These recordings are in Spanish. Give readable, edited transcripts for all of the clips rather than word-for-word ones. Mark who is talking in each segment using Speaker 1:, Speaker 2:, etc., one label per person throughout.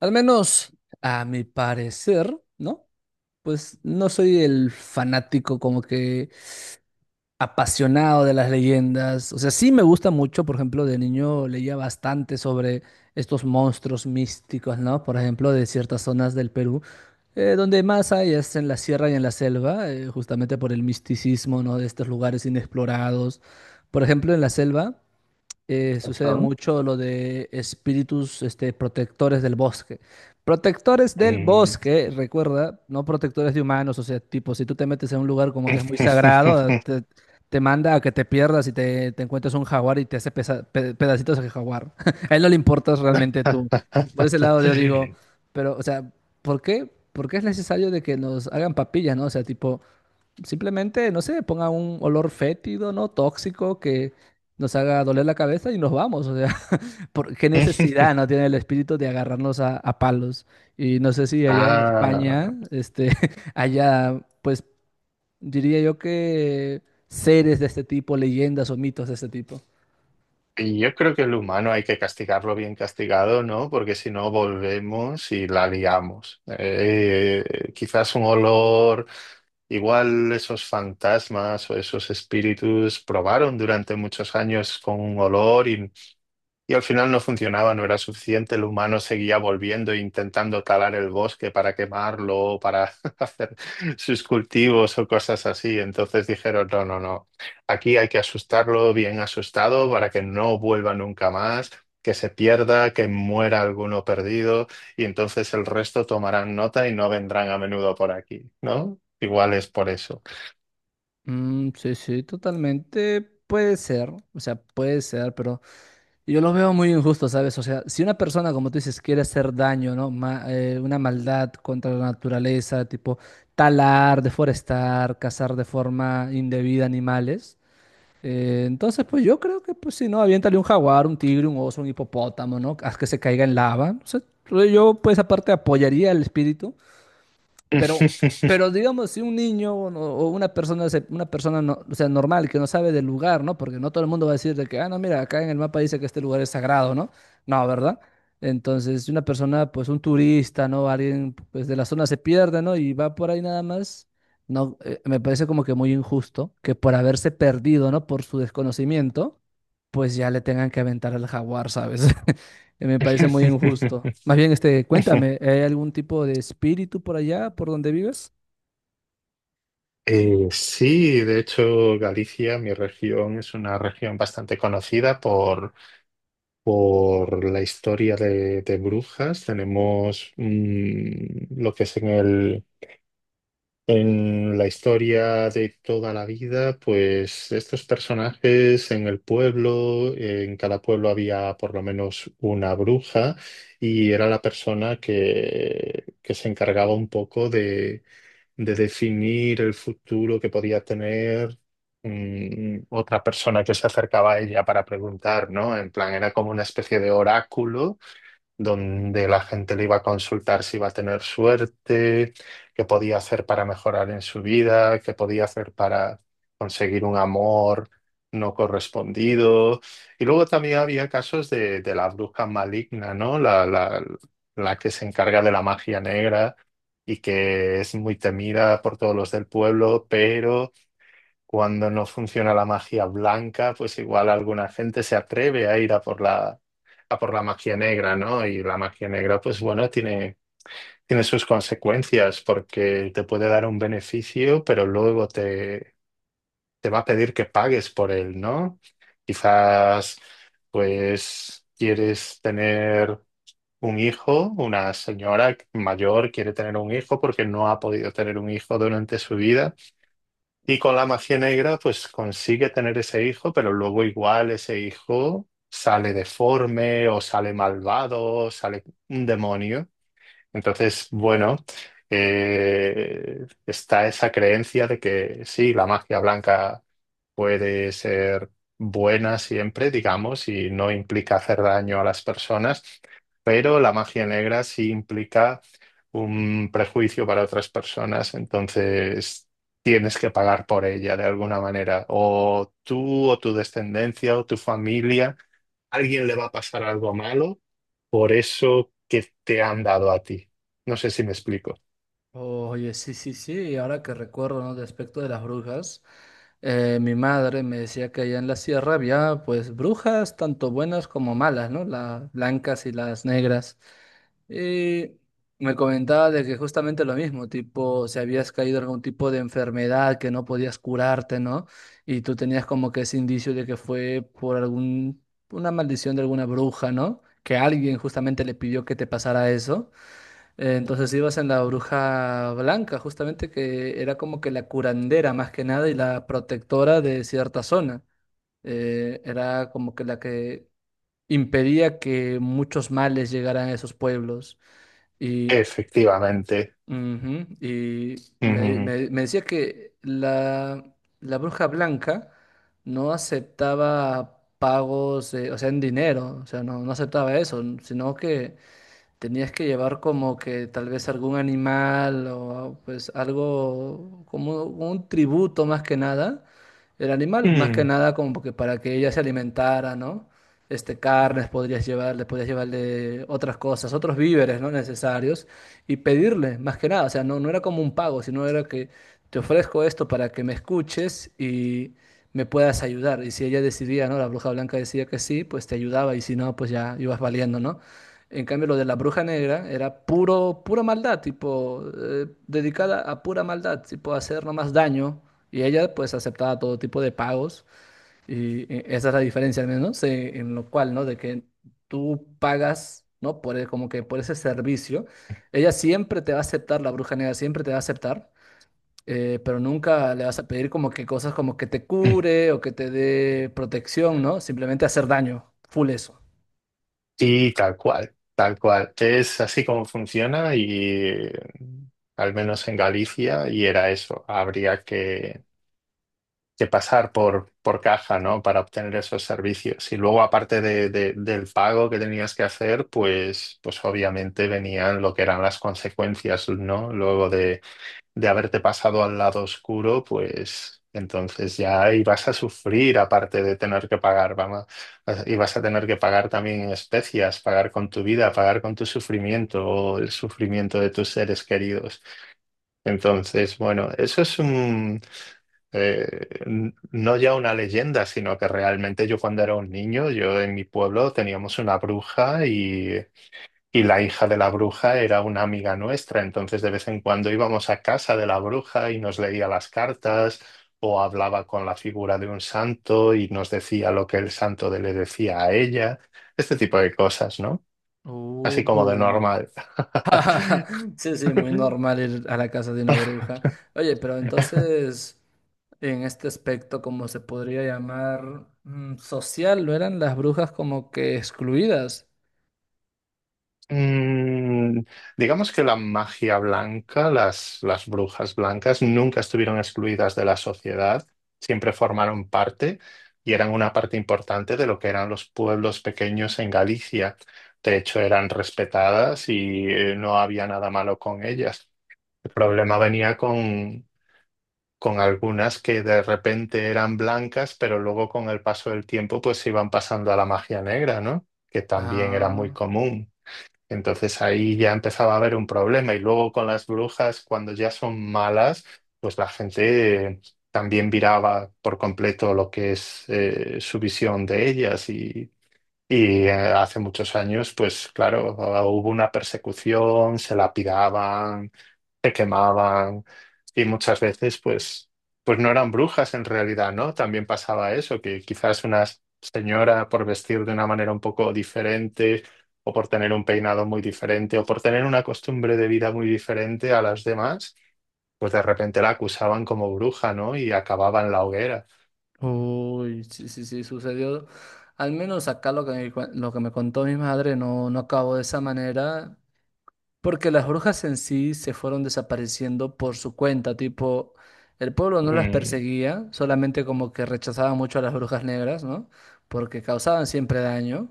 Speaker 1: Al menos, a mi parecer, ¿no? Pues no soy el fanático como que apasionado de las leyendas. O sea, sí me gusta mucho, por ejemplo, de niño leía bastante sobre estos monstruos místicos, ¿no? Por ejemplo, de ciertas zonas del Perú, donde más hay es en la sierra y en la selva, justamente por el misticismo, ¿no? De estos lugares inexplorados. Por ejemplo, en la selva sucede
Speaker 2: Ajá.
Speaker 1: mucho lo de espíritus este, protectores del bosque. Protectores del
Speaker 2: Mm.
Speaker 1: bosque, recuerda, no protectores de humanos, o sea, tipo, si tú te metes en un lugar como que es muy sagrado, ah, te manda a que te pierdas y te encuentres un jaguar y te hace pedacitos de jaguar. A él no le importas realmente tú. Por ese lado yo digo, pero, o sea, ¿por qué? ¿Por qué es necesario de que nos hagan papillas, ¿no? O sea, tipo, simplemente, no sé, ponga un olor fétido, ¿no? Tóxico que nos haga doler la cabeza y nos vamos. O sea, ¿por qué necesidad no tiene el espíritu de agarrarnos a, palos? Y no sé si allá en
Speaker 2: Ah,
Speaker 1: España, este, allá, pues diría yo que seres de este tipo, leyendas o mitos de este tipo.
Speaker 2: y yo creo que el humano hay que castigarlo bien castigado, ¿no? Porque si no volvemos y la liamos. Quizás un olor, igual esos fantasmas o esos espíritus probaron durante muchos años con un olor y al final no funcionaba, no era suficiente. El humano seguía volviendo e intentando talar el bosque para quemarlo, o para hacer sus cultivos o cosas así. Entonces dijeron, no, no, no, aquí hay que asustarlo bien asustado para que no vuelva nunca más, que se pierda, que muera alguno perdido y entonces el resto tomarán nota y no vendrán a menudo por aquí, ¿no? Igual es por eso.
Speaker 1: Mm, sí, sí, totalmente puede ser. O sea, puede ser, pero yo los veo muy injustos, ¿sabes? O sea, si una persona, como tú dices, quiere hacer daño, ¿no? Una maldad contra la naturaleza, tipo talar, deforestar, cazar de forma indebida animales, entonces, pues yo creo que, pues si no, aviéntale un jaguar, un tigre, un oso, un hipopótamo, ¿no? Haz que se caiga en lava. O sea, yo, pues aparte, apoyaría al espíritu pero, pero digamos, si un niño o o una persona, una persona no, o sea, normal que no sabe del lugar, ¿no? Porque no todo el mundo va a decir de que, ah, no, mira, acá en el mapa dice que este lugar es sagrado, ¿no? No, ¿verdad? Entonces, si una persona, pues un turista, ¿no? Alguien, pues de la zona se pierde, ¿no? Y va por ahí nada más, no, me parece como que muy injusto que por haberse perdido, ¿no? Por su desconocimiento, pues ya le tengan que aventar al jaguar, ¿sabes? Me parece muy injusto. Más bien, este, cuéntame, ¿hay algún tipo de espíritu por allá, por donde vives?
Speaker 2: Sí, de hecho, Galicia, mi región, es una región bastante conocida por la historia de brujas. Tenemos lo que es en en la historia de toda la vida, pues estos personajes en el pueblo, en cada pueblo había por lo menos una bruja y era la persona que se encargaba un poco de definir el futuro que podía tener otra persona que se acercaba a ella para preguntar, ¿no? En plan, era como una especie de oráculo donde la gente le iba a consultar si iba a tener suerte, qué podía hacer para mejorar en su vida, qué podía hacer para conseguir un amor no correspondido. Y luego también había casos de la bruja maligna, ¿no? La que se encarga de la magia negra y que es muy temida por todos los del pueblo, pero cuando no funciona la magia blanca, pues igual alguna gente se atreve a ir a por a por la magia negra, ¿no? Y la magia negra, pues bueno, tiene sus consecuencias porque te puede dar un beneficio, pero luego te va a pedir que pagues por él, ¿no? Quizás, pues, quieres tener un hijo, una señora mayor quiere tener un hijo porque no ha podido tener un hijo durante su vida. Y con la magia negra, pues consigue tener ese hijo, pero luego igual ese hijo sale deforme o sale malvado, o sale un demonio. Entonces, bueno, está esa creencia de que sí, la magia blanca puede ser buena siempre, digamos, y no implica hacer daño a las personas, pero la magia negra sí implica un prejuicio para otras personas, entonces tienes que pagar por ella de alguna manera, o tú o tu descendencia o tu familia, alguien le va a pasar algo malo por eso que te han dado a ti. No sé si me explico.
Speaker 1: Oye, sí, sí, sí, y ahora que recuerdo, ¿no? De aspecto de las brujas, mi madre me decía que allá en la sierra había, pues, brujas tanto buenas como malas, ¿no? Las blancas y las negras. Y me comentaba de que justamente lo mismo, tipo, si habías caído en algún tipo de enfermedad que no podías curarte, ¿no? Y tú tenías como que ese indicio de que fue por algún, una maldición de alguna bruja, ¿no? Que alguien justamente le pidió que te pasara eso. Entonces ibas en la bruja blanca, justamente que era como que la curandera más que nada y la protectora de cierta zona. Era como que la que impedía que muchos males llegaran a esos pueblos. Y,
Speaker 2: Efectivamente.
Speaker 1: ujú, y
Speaker 2: Ujú.
Speaker 1: me decía que la bruja blanca no aceptaba pagos, o sea, en dinero, o sea, no, no aceptaba eso, sino que tenías que llevar como que tal vez algún animal o pues algo como un tributo más que nada. El animal más que
Speaker 2: Mm.
Speaker 1: nada como que para que ella se alimentara, ¿no? Este, carnes podrías llevarle otras cosas, otros víveres, ¿no? Necesarios y pedirle más que nada. O sea, no, no era como un pago, sino era que te ofrezco esto para que me escuches y me puedas ayudar. Y si ella decidía, ¿no? La bruja blanca decía que sí, pues te ayudaba y si no, pues ya ibas valiendo, ¿no? En cambio, lo de la bruja negra era pura maldad, tipo, dedicada a pura maldad, tipo, hacer nomás daño. Y ella, pues, aceptaba todo tipo de pagos. Y esa es la diferencia, al menos, en lo cual, ¿no? De que tú pagas, ¿no? Por, como que por ese servicio. Ella siempre te va a aceptar, la bruja negra siempre te va a aceptar. Pero nunca le vas a pedir como que cosas como que te cure o que te dé protección, ¿no? Simplemente hacer daño, full eso.
Speaker 2: Sí, tal cual, tal cual. Es así como funciona y eh, al menos en Galicia y era eso. Habría que pasar por caja, ¿no? Para obtener esos servicios. Y luego, aparte del pago que tenías que hacer, pues, pues obviamente venían lo que eran las consecuencias, ¿no? Luego de haberte pasado al lado oscuro, pues entonces ya ibas a sufrir, aparte de tener que pagar, vamos, ibas a tener que pagar también en especias, pagar con tu vida, pagar con tu sufrimiento o el sufrimiento de tus seres queridos. Entonces, bueno, eso es no ya una leyenda, sino que realmente yo cuando era un niño, yo en mi pueblo teníamos una bruja y la hija de la bruja era una amiga nuestra, entonces de vez en cuando íbamos a casa de la bruja y nos leía las cartas o hablaba con la figura de un santo y nos decía lo que el santo le decía a ella, este tipo de cosas, ¿no? Así como de
Speaker 1: Uy.
Speaker 2: normal.
Speaker 1: Sí, sí, muy normal ir a la casa de una bruja. Oye, pero entonces, en este aspecto, como se podría llamar social, ¿no eran las brujas como que excluidas?
Speaker 2: Mm, digamos que la magia blanca, las brujas blancas, nunca estuvieron excluidas de la sociedad, siempre formaron parte y eran una parte importante de lo que eran los pueblos pequeños en Galicia. De hecho, eran respetadas y no había nada malo con ellas. El problema venía con algunas que de repente eran blancas, pero luego con el paso del tiempo pues se iban pasando a la magia negra, ¿no? Que también era muy
Speaker 1: Ah,
Speaker 2: común. Entonces ahí ya empezaba a haber un problema y luego con las brujas, cuando ya son malas, pues la gente también viraba por completo lo que es su visión de ellas hace muchos años, pues claro, hubo una persecución, se lapidaban, se quemaban y muchas veces pues, pues no eran brujas en realidad, ¿no? También pasaba eso, que quizás una señora por vestir de una manera un poco diferente o por tener un peinado muy diferente o por tener una costumbre de vida muy diferente a las demás, pues de repente la acusaban como bruja, ¿no? Y acababa en la hoguera.
Speaker 1: uy, sí, sí, sí, sucedió. Al menos acá lo que lo que me contó mi madre no, no acabó de esa manera. Porque las brujas en sí se fueron desapareciendo por su cuenta, tipo, el pueblo no las
Speaker 2: Mm,
Speaker 1: perseguía, solamente como que rechazaba mucho a las brujas negras, ¿no? Porque causaban siempre daño.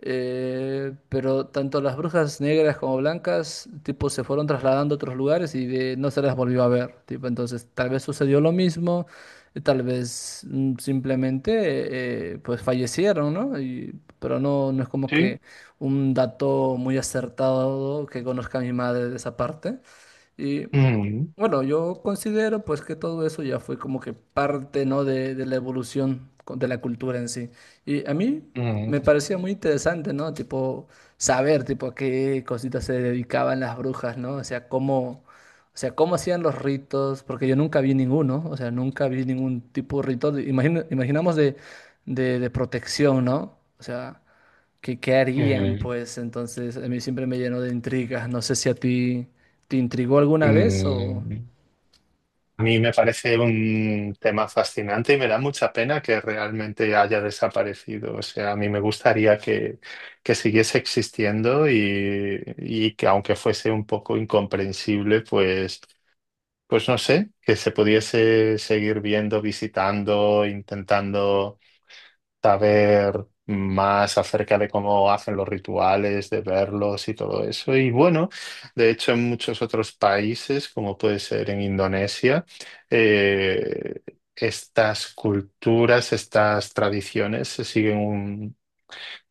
Speaker 1: Pero tanto las brujas negras como blancas, tipo, se fueron trasladando a otros lugares y no se las volvió a ver, tipo, entonces tal vez sucedió lo mismo, tal vez simplemente, pues fallecieron, ¿no? Pero no, no es como
Speaker 2: sí.
Speaker 1: que un dato muy acertado que conozca mi madre de esa parte. Y
Speaker 2: Mm,
Speaker 1: bueno, yo considero pues que todo eso ya fue como que parte, ¿no? De la evolución de la cultura en sí. Y a mí me
Speaker 2: mm,
Speaker 1: parecía muy interesante, ¿no? Tipo, saber, tipo, a qué cositas se dedicaban las brujas, ¿no? O sea, cómo hacían los ritos, porque yo nunca vi ninguno, o sea, nunca vi ningún tipo de rito, imaginamos de, de protección, ¿no? O sea, ¿qué, qué harían?
Speaker 2: mm,
Speaker 1: Pues entonces a mí siempre me llenó de intrigas. No sé si a ti te intrigó alguna vez o...
Speaker 2: mm. A mí me parece un tema fascinante y me da mucha pena que realmente haya desaparecido. O sea, a mí me gustaría que siguiese existiendo y que aunque fuese un poco incomprensible, pues, pues no sé, que se pudiese seguir viendo, visitando, intentando saber más acerca de cómo hacen los rituales, de verlos y todo eso. Y bueno, de hecho en muchos otros países, como puede ser en Indonesia, eh, estas culturas, estas tradiciones se siguen,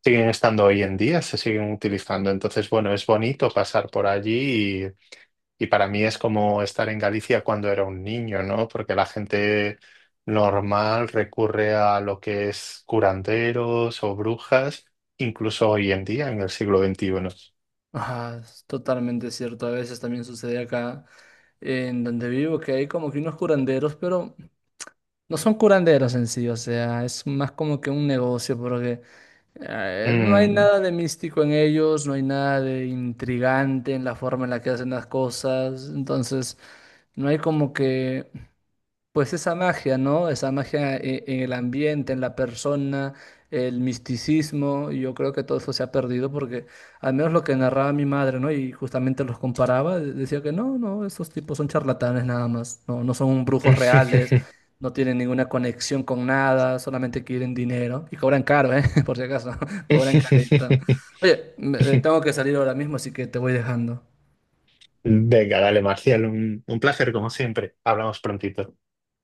Speaker 2: siguen estando hoy en día, se siguen utilizando. Entonces, bueno, es bonito pasar por allí y para mí es como estar en Galicia cuando era un niño, ¿no? Porque la gente normal recurre a lo que es curanderos o brujas, incluso hoy en día, en el siglo XXI.
Speaker 1: Ajá, es totalmente cierto. A veces también sucede acá en donde vivo que hay como que unos curanderos, pero no son curanderos en sí, o sea, es más como que un negocio porque no hay
Speaker 2: Mm.
Speaker 1: nada de místico en ellos, no hay nada de intrigante en la forma en la que hacen las cosas, entonces no hay como que pues esa magia, ¿no? Esa magia en el ambiente, en la persona, el misticismo, y yo creo que todo eso se ha perdido porque al menos lo que narraba mi madre, ¿no? Y justamente los comparaba, decía que no, no, esos tipos son charlatanes nada más, no, no son brujos reales, no tienen ninguna conexión con nada, solamente quieren dinero y cobran caro, ¿eh? Por si acaso, cobran careta. Oye, tengo que salir ahora mismo, así que te voy dejando.
Speaker 2: Venga, dale, Marcial, un placer como siempre. Hablamos prontito.